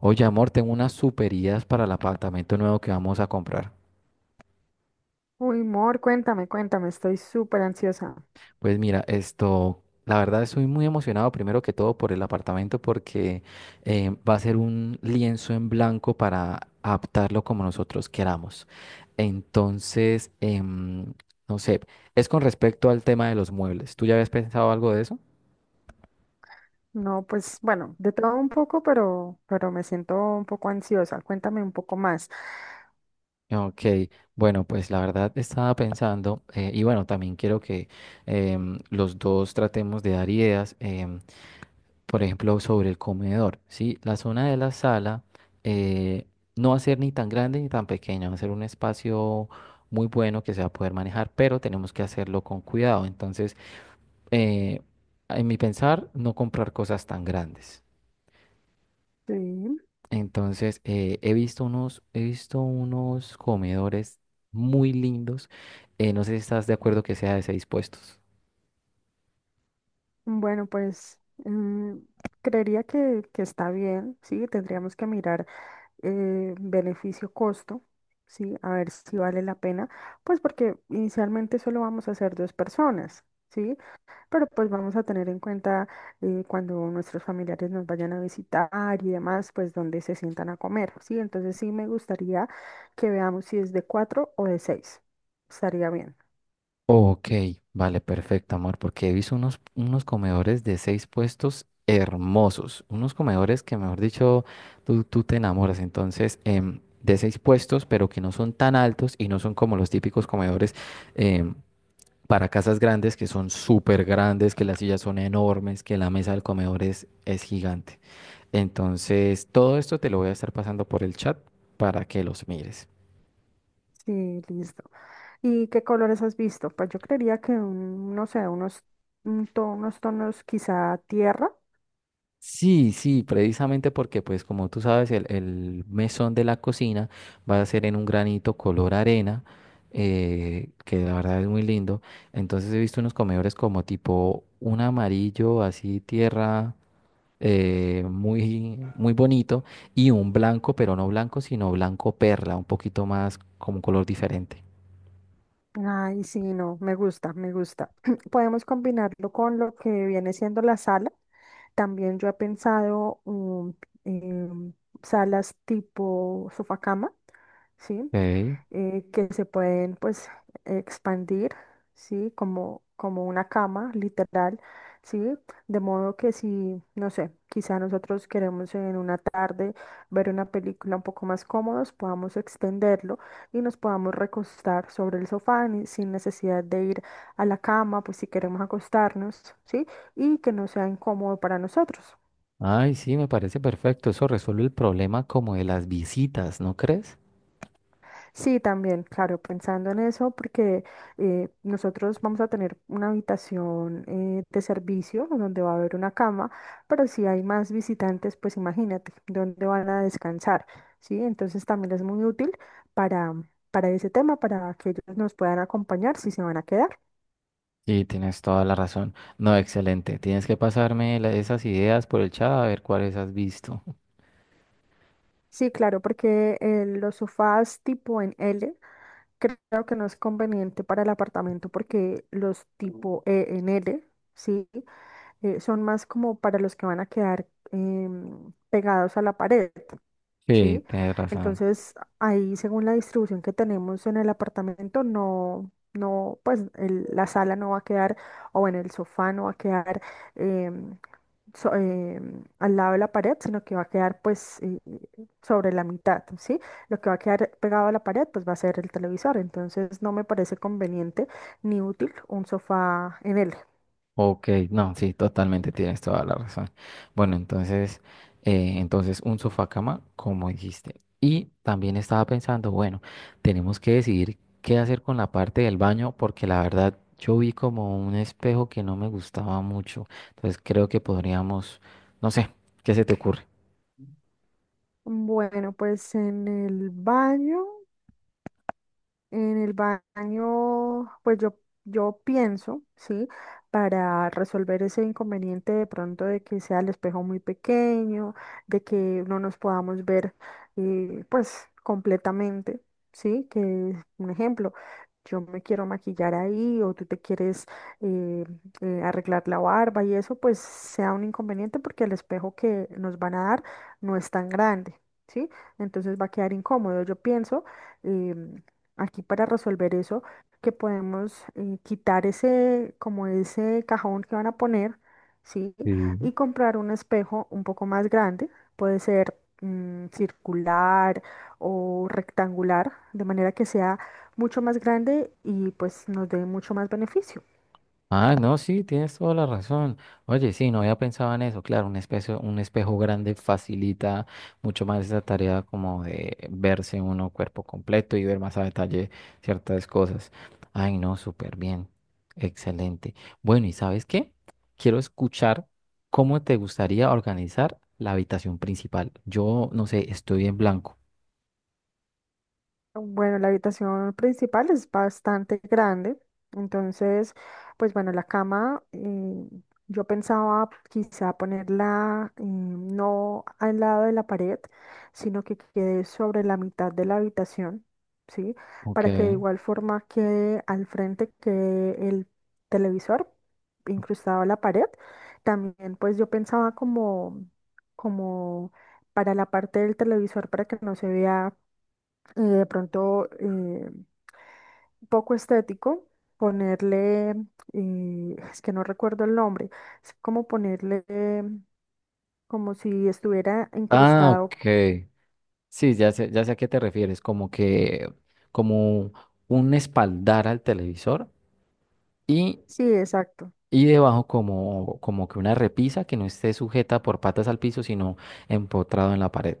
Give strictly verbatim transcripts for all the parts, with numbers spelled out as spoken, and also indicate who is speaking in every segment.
Speaker 1: Oye, amor, tengo unas super ideas para el apartamento nuevo que vamos a comprar.
Speaker 2: Uy, Mor, cuéntame, cuéntame, estoy súper ansiosa.
Speaker 1: Pues mira, esto, la verdad estoy muy emocionado primero que todo por el apartamento porque eh, va a ser un lienzo en blanco para adaptarlo como nosotros queramos. Entonces, em, no sé, es con respecto al tema de los muebles. ¿Tú ya habías pensado algo de eso?
Speaker 2: No, pues bueno, de todo un poco, pero, pero me siento un poco ansiosa. Cuéntame un poco más.
Speaker 1: Ok, bueno, pues la verdad estaba pensando, eh, y bueno, también quiero que em, los dos tratemos de dar ideas. Em, por ejemplo, sobre el comedor, ¿sí? La zona de la sala eh, no va a ser ni tan grande ni tan pequeña, va a ser un espacio muy bueno que se va a poder manejar, pero tenemos que hacerlo con cuidado. Entonces, eh, en mi pensar, no comprar cosas tan grandes.
Speaker 2: Sí,
Speaker 1: Entonces, eh, he visto unos, he visto unos comedores muy lindos. Eh, no sé si estás de acuerdo que sea de seis puestos.
Speaker 2: bueno, pues mm, creería que, que está bien, sí, tendríamos que mirar eh, beneficio-costo, sí, a ver si vale la pena, pues porque inicialmente solo vamos a ser dos personas, sí. Pero pues vamos a tener en cuenta eh, cuando nuestros familiares nos vayan a visitar y demás, pues dónde se sientan a comer, ¿sí? Entonces sí me gustaría que veamos si es de cuatro o de seis. Estaría bien.
Speaker 1: Ok, vale, perfecto, amor, porque he visto unos, unos comedores de seis puestos hermosos, unos comedores que, mejor dicho, tú, tú te enamoras, entonces, em, de seis puestos, pero que no son tan altos y no son como los típicos comedores em, para casas grandes, que son súper grandes, que las sillas son enormes, que la mesa del comedor es, es gigante. Entonces, todo esto te lo voy a estar pasando por el chat para que los mires.
Speaker 2: Sí, listo. ¿Y qué colores has visto? Pues yo creería que un, no sé, unos, un to- unos tonos quizá tierra.
Speaker 1: Sí, sí, precisamente porque, pues, como tú sabes, el, el mesón de la cocina va a ser en un granito color arena, eh, que la verdad es muy lindo. Entonces he visto unos comedores como tipo un amarillo, así tierra, eh, muy, muy bonito, y un blanco, pero no blanco, sino blanco perla, un poquito más como un color diferente.
Speaker 2: Ay, sí, no, me gusta, me gusta. Podemos combinarlo con lo que viene siendo la sala. También yo he pensado um, em, salas tipo sofá cama, ¿sí?
Speaker 1: Ok.
Speaker 2: eh, que se pueden pues expandir, ¿sí? Como, como una cama, literal, ¿sí? De modo que si, no sé, quizá nosotros queremos en una tarde ver una película un poco más cómodos, podamos extenderlo y nos podamos recostar sobre el sofá ni- sin necesidad de ir a la cama, pues si queremos acostarnos, ¿sí? Y que no sea incómodo para nosotros.
Speaker 1: Ay, sí, me parece perfecto. Eso resuelve el problema como de las visitas, ¿no crees?
Speaker 2: Sí, también, claro, pensando en eso, porque eh, nosotros vamos a tener una habitación eh, de servicio donde va a haber una cama, pero si hay más visitantes, pues imagínate dónde van a descansar, ¿sí? Entonces también es muy útil para, para ese tema, para que ellos nos puedan acompañar si se van a quedar.
Speaker 1: Y tienes toda la razón. No, excelente. Tienes que pasarme la- esas ideas por el chat a ver cuáles has visto.
Speaker 2: Sí, claro, porque eh, los sofás tipo en L creo que no es conveniente para el apartamento porque los tipo E en L, ¿sí? eh, son más como para los que van a quedar em, pegados a la pared,
Speaker 1: Sí,
Speaker 2: ¿sí?
Speaker 1: tienes razón.
Speaker 2: Entonces, ahí según la distribución que tenemos en el apartamento, no, no, pues el- la sala no va a quedar, o bueno, el sofá no va a quedar em, so- em, al lado de la pared, sino que va a quedar pues eh, sobre la mitad, ¿sí? Lo que va a quedar pegado a la pared, pues va a ser el televisor, entonces no me parece conveniente ni útil un sofá en él.
Speaker 1: Ok, no, sí, totalmente tienes toda la razón. Bueno, entonces, eh, entonces un sofá cama, como dijiste. Y también estaba pensando, bueno, tenemos que decidir qué hacer con la parte del baño, porque la verdad yo vi como un espejo que no me gustaba mucho. Entonces creo que podríamos, no sé, ¿qué se te ocurre?
Speaker 2: Bueno, pues en el baño. En el baño, pues yo, yo pienso, ¿sí? Para resolver ese inconveniente de pronto de que sea el espejo muy pequeño, de que no nos podamos ver, eh, pues, completamente, ¿sí? Que, es un ejemplo, yo me quiero maquillar ahí o tú te quieres eh, eh, arreglar la barba y eso, pues, sea un inconveniente porque el espejo que nos van a dar no es tan grande, ¿sí? Entonces va a quedar incómodo, yo pienso. em, aquí para resolver eso, que podemos eh, quitar ese, como ese cajón que van a poner, ¿sí?
Speaker 1: Sí.
Speaker 2: Y comprar un espejo un poco más grande, puede ser mm, circular o rectangular, de manera que sea mucho más grande y pues nos dé mucho más beneficio.
Speaker 1: Ah, no, sí, tienes toda la razón. Oye, sí, no había pensado en eso. Claro, un espejo, un espejo grande facilita mucho más esa tarea como de verse uno cuerpo completo y ver más a detalle ciertas cosas. Ay, no, súper bien. Excelente. Bueno, ¿y sabes qué? Quiero escuchar cómo te gustaría organizar la habitación principal. Yo, no sé, estoy en blanco.
Speaker 2: Bueno, la habitación principal es bastante grande, entonces, pues bueno, la cama, eh, yo pensaba quizá ponerla eh, no al lado de la pared, sino que quede sobre la mitad de la habitación, ¿sí?
Speaker 1: Ok.
Speaker 2: Para que de igual forma quede al frente que el televisor incrustado a la pared. También, pues yo pensaba como, como para la parte del televisor para que no se vea y de pronto eh, poco estético, ponerle, eh, es que no recuerdo el nombre, es como ponerle eh, como si estuviera
Speaker 1: Ah,
Speaker 2: incrustado.
Speaker 1: ok. Sí, ya sé, ya sé a qué te refieres, como que, como un espaldar al televisor y,
Speaker 2: Sí, exacto.
Speaker 1: y debajo como, como que una repisa que no esté sujeta por patas al piso, sino empotrado en la pared.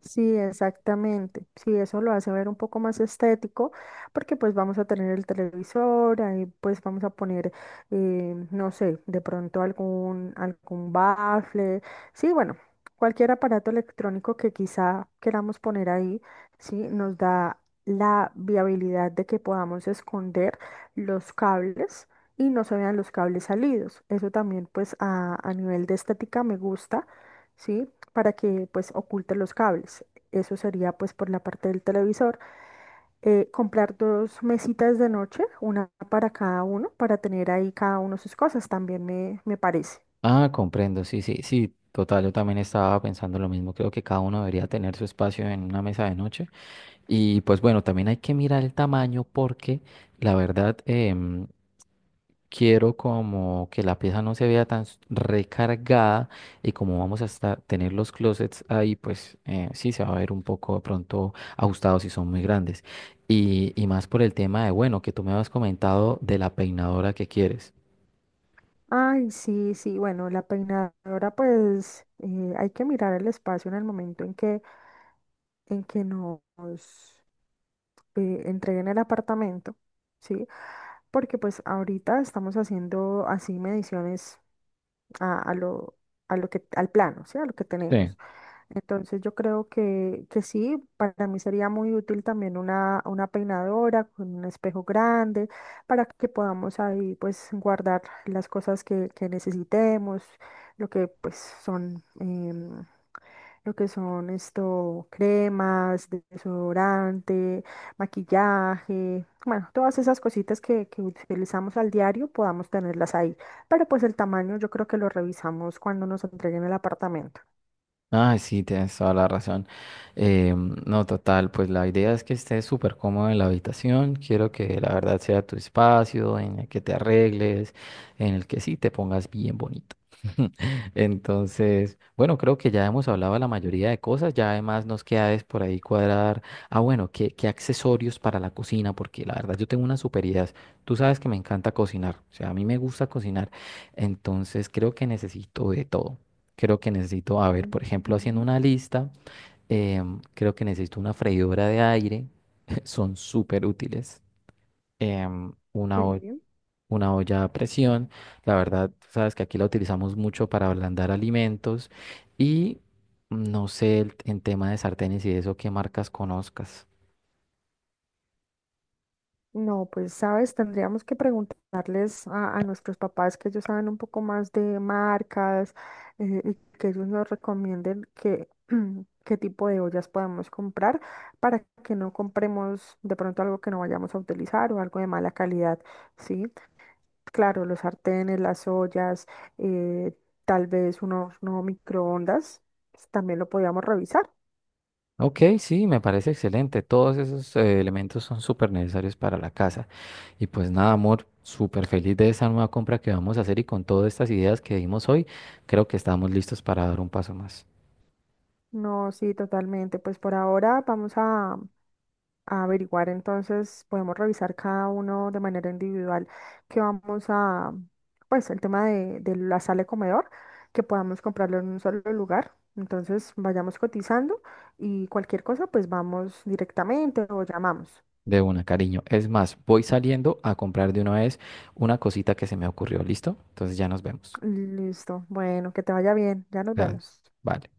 Speaker 2: Sí, exactamente. Sí, eso lo hace ver un poco más estético, porque pues vamos a tener el televisor, ahí pues vamos a poner, eh, no sé, de pronto algún, algún bafle. Sí, bueno, cualquier aparato electrónico que quizá queramos poner ahí, sí, nos da la viabilidad de que podamos esconder los cables y no se vean los cables salidos. Eso también pues a, a nivel de estética me gusta, ¿sí? Para que pues oculte los cables. Eso sería pues por la parte del televisor. Eh, comprar dos mesitas de noche, una para cada uno, para tener ahí cada uno sus cosas, también me, me parece.
Speaker 1: Ah, comprendo, sí, sí, sí, total, yo también estaba pensando lo mismo, creo que cada uno debería tener su espacio en una mesa de noche. Y pues bueno, también hay que mirar el tamaño porque la verdad, em, quiero como que la pieza no se vea tan s- recargada y como vamos a estar, tener los closets ahí, pues eh, sí se va a ver un poco de pronto ajustados si son muy grandes. Y, y más por el tema de, bueno, que tú me habías comentado de la peinadora que quieres.
Speaker 2: Ay, sí, sí, bueno, la peinadora pues eh, hay que mirar el espacio en el momento en que, en que nos eh, entreguen el apartamento, ¿sí? Porque pues ahorita estamos haciendo así mediciones a, a lo, a lo que, al plano, ¿sí? A lo que
Speaker 1: Sí.
Speaker 2: tenemos. Entonces yo creo que, que sí, para mí sería muy útil también una, una peinadora con un espejo grande para que podamos ahí pues guardar las cosas que, que necesitemos, lo que pues son, em, lo que son esto, cremas, desodorante, maquillaje, bueno, todas esas cositas que, que utilizamos al diario podamos tenerlas ahí. Pero pues el tamaño yo creo que lo revisamos cuando nos entreguen el apartamento.
Speaker 1: Ay, sí, tienes toda la razón. Eh, no, total, pues la idea es que estés súper cómodo en la habitación. Quiero que la verdad sea tu espacio, en el que te arregles, en el que sí te pongas bien bonito. Entonces, bueno, creo que ya hemos hablado de la mayoría de cosas. Ya además nos queda es por ahí cuadrar. Ah, bueno, ¿qué, ¿qué accesorios para la cocina? Porque la verdad yo tengo unas super ideas. Tú sabes que me encanta cocinar. O sea, a mí me gusta cocinar. Entonces, creo que necesito de todo. Creo que necesito, a ver, por ejemplo, haciendo
Speaker 2: Ujú.
Speaker 1: una lista, em, creo que necesito una freidora de aire, son súper útiles. em, una, ho-
Speaker 2: Sí.
Speaker 1: una olla a presión, la verdad, sabes que aquí la utilizamos mucho para ablandar alimentos y no sé el- en tema de sartenes y de eso qué marcas conozcas.
Speaker 2: No, pues sabes, tendríamos que preguntarles a, a nuestros papás que ellos saben un poco más de marcas, eh, y que ellos nos recomienden qué, qué tipo de ollas podemos comprar para que no compremos de pronto algo que no vayamos a utilizar o algo de mala calidad, ¿sí? Claro, los sartenes, las ollas, eh, tal vez unos no microondas, pues, también lo podíamos revisar.
Speaker 1: Ok, sí, me parece excelente. Todos esos eh, elementos son súper necesarios para la casa. Y pues nada, amor, súper feliz de esa nueva compra que vamos a hacer y con todas estas ideas que dimos hoy, creo que estamos listos para dar un paso más.
Speaker 2: No, sí, totalmente. Pues por ahora vamos a, a averiguar, entonces podemos revisar cada uno de manera individual que vamos a, pues el tema de, de la sala de comedor, que podamos comprarlo en un solo lugar. Entonces vayamos cotizando y cualquier cosa, pues vamos directamente o llamamos.
Speaker 1: De una, cariño. Es más, voy saliendo a comprar de una vez una cosita que se me ocurrió. ¿Listo? Entonces ya nos vemos.
Speaker 2: Listo. Bueno, que te vaya bien. Ya nos
Speaker 1: Ya,
Speaker 2: vemos.
Speaker 1: vale.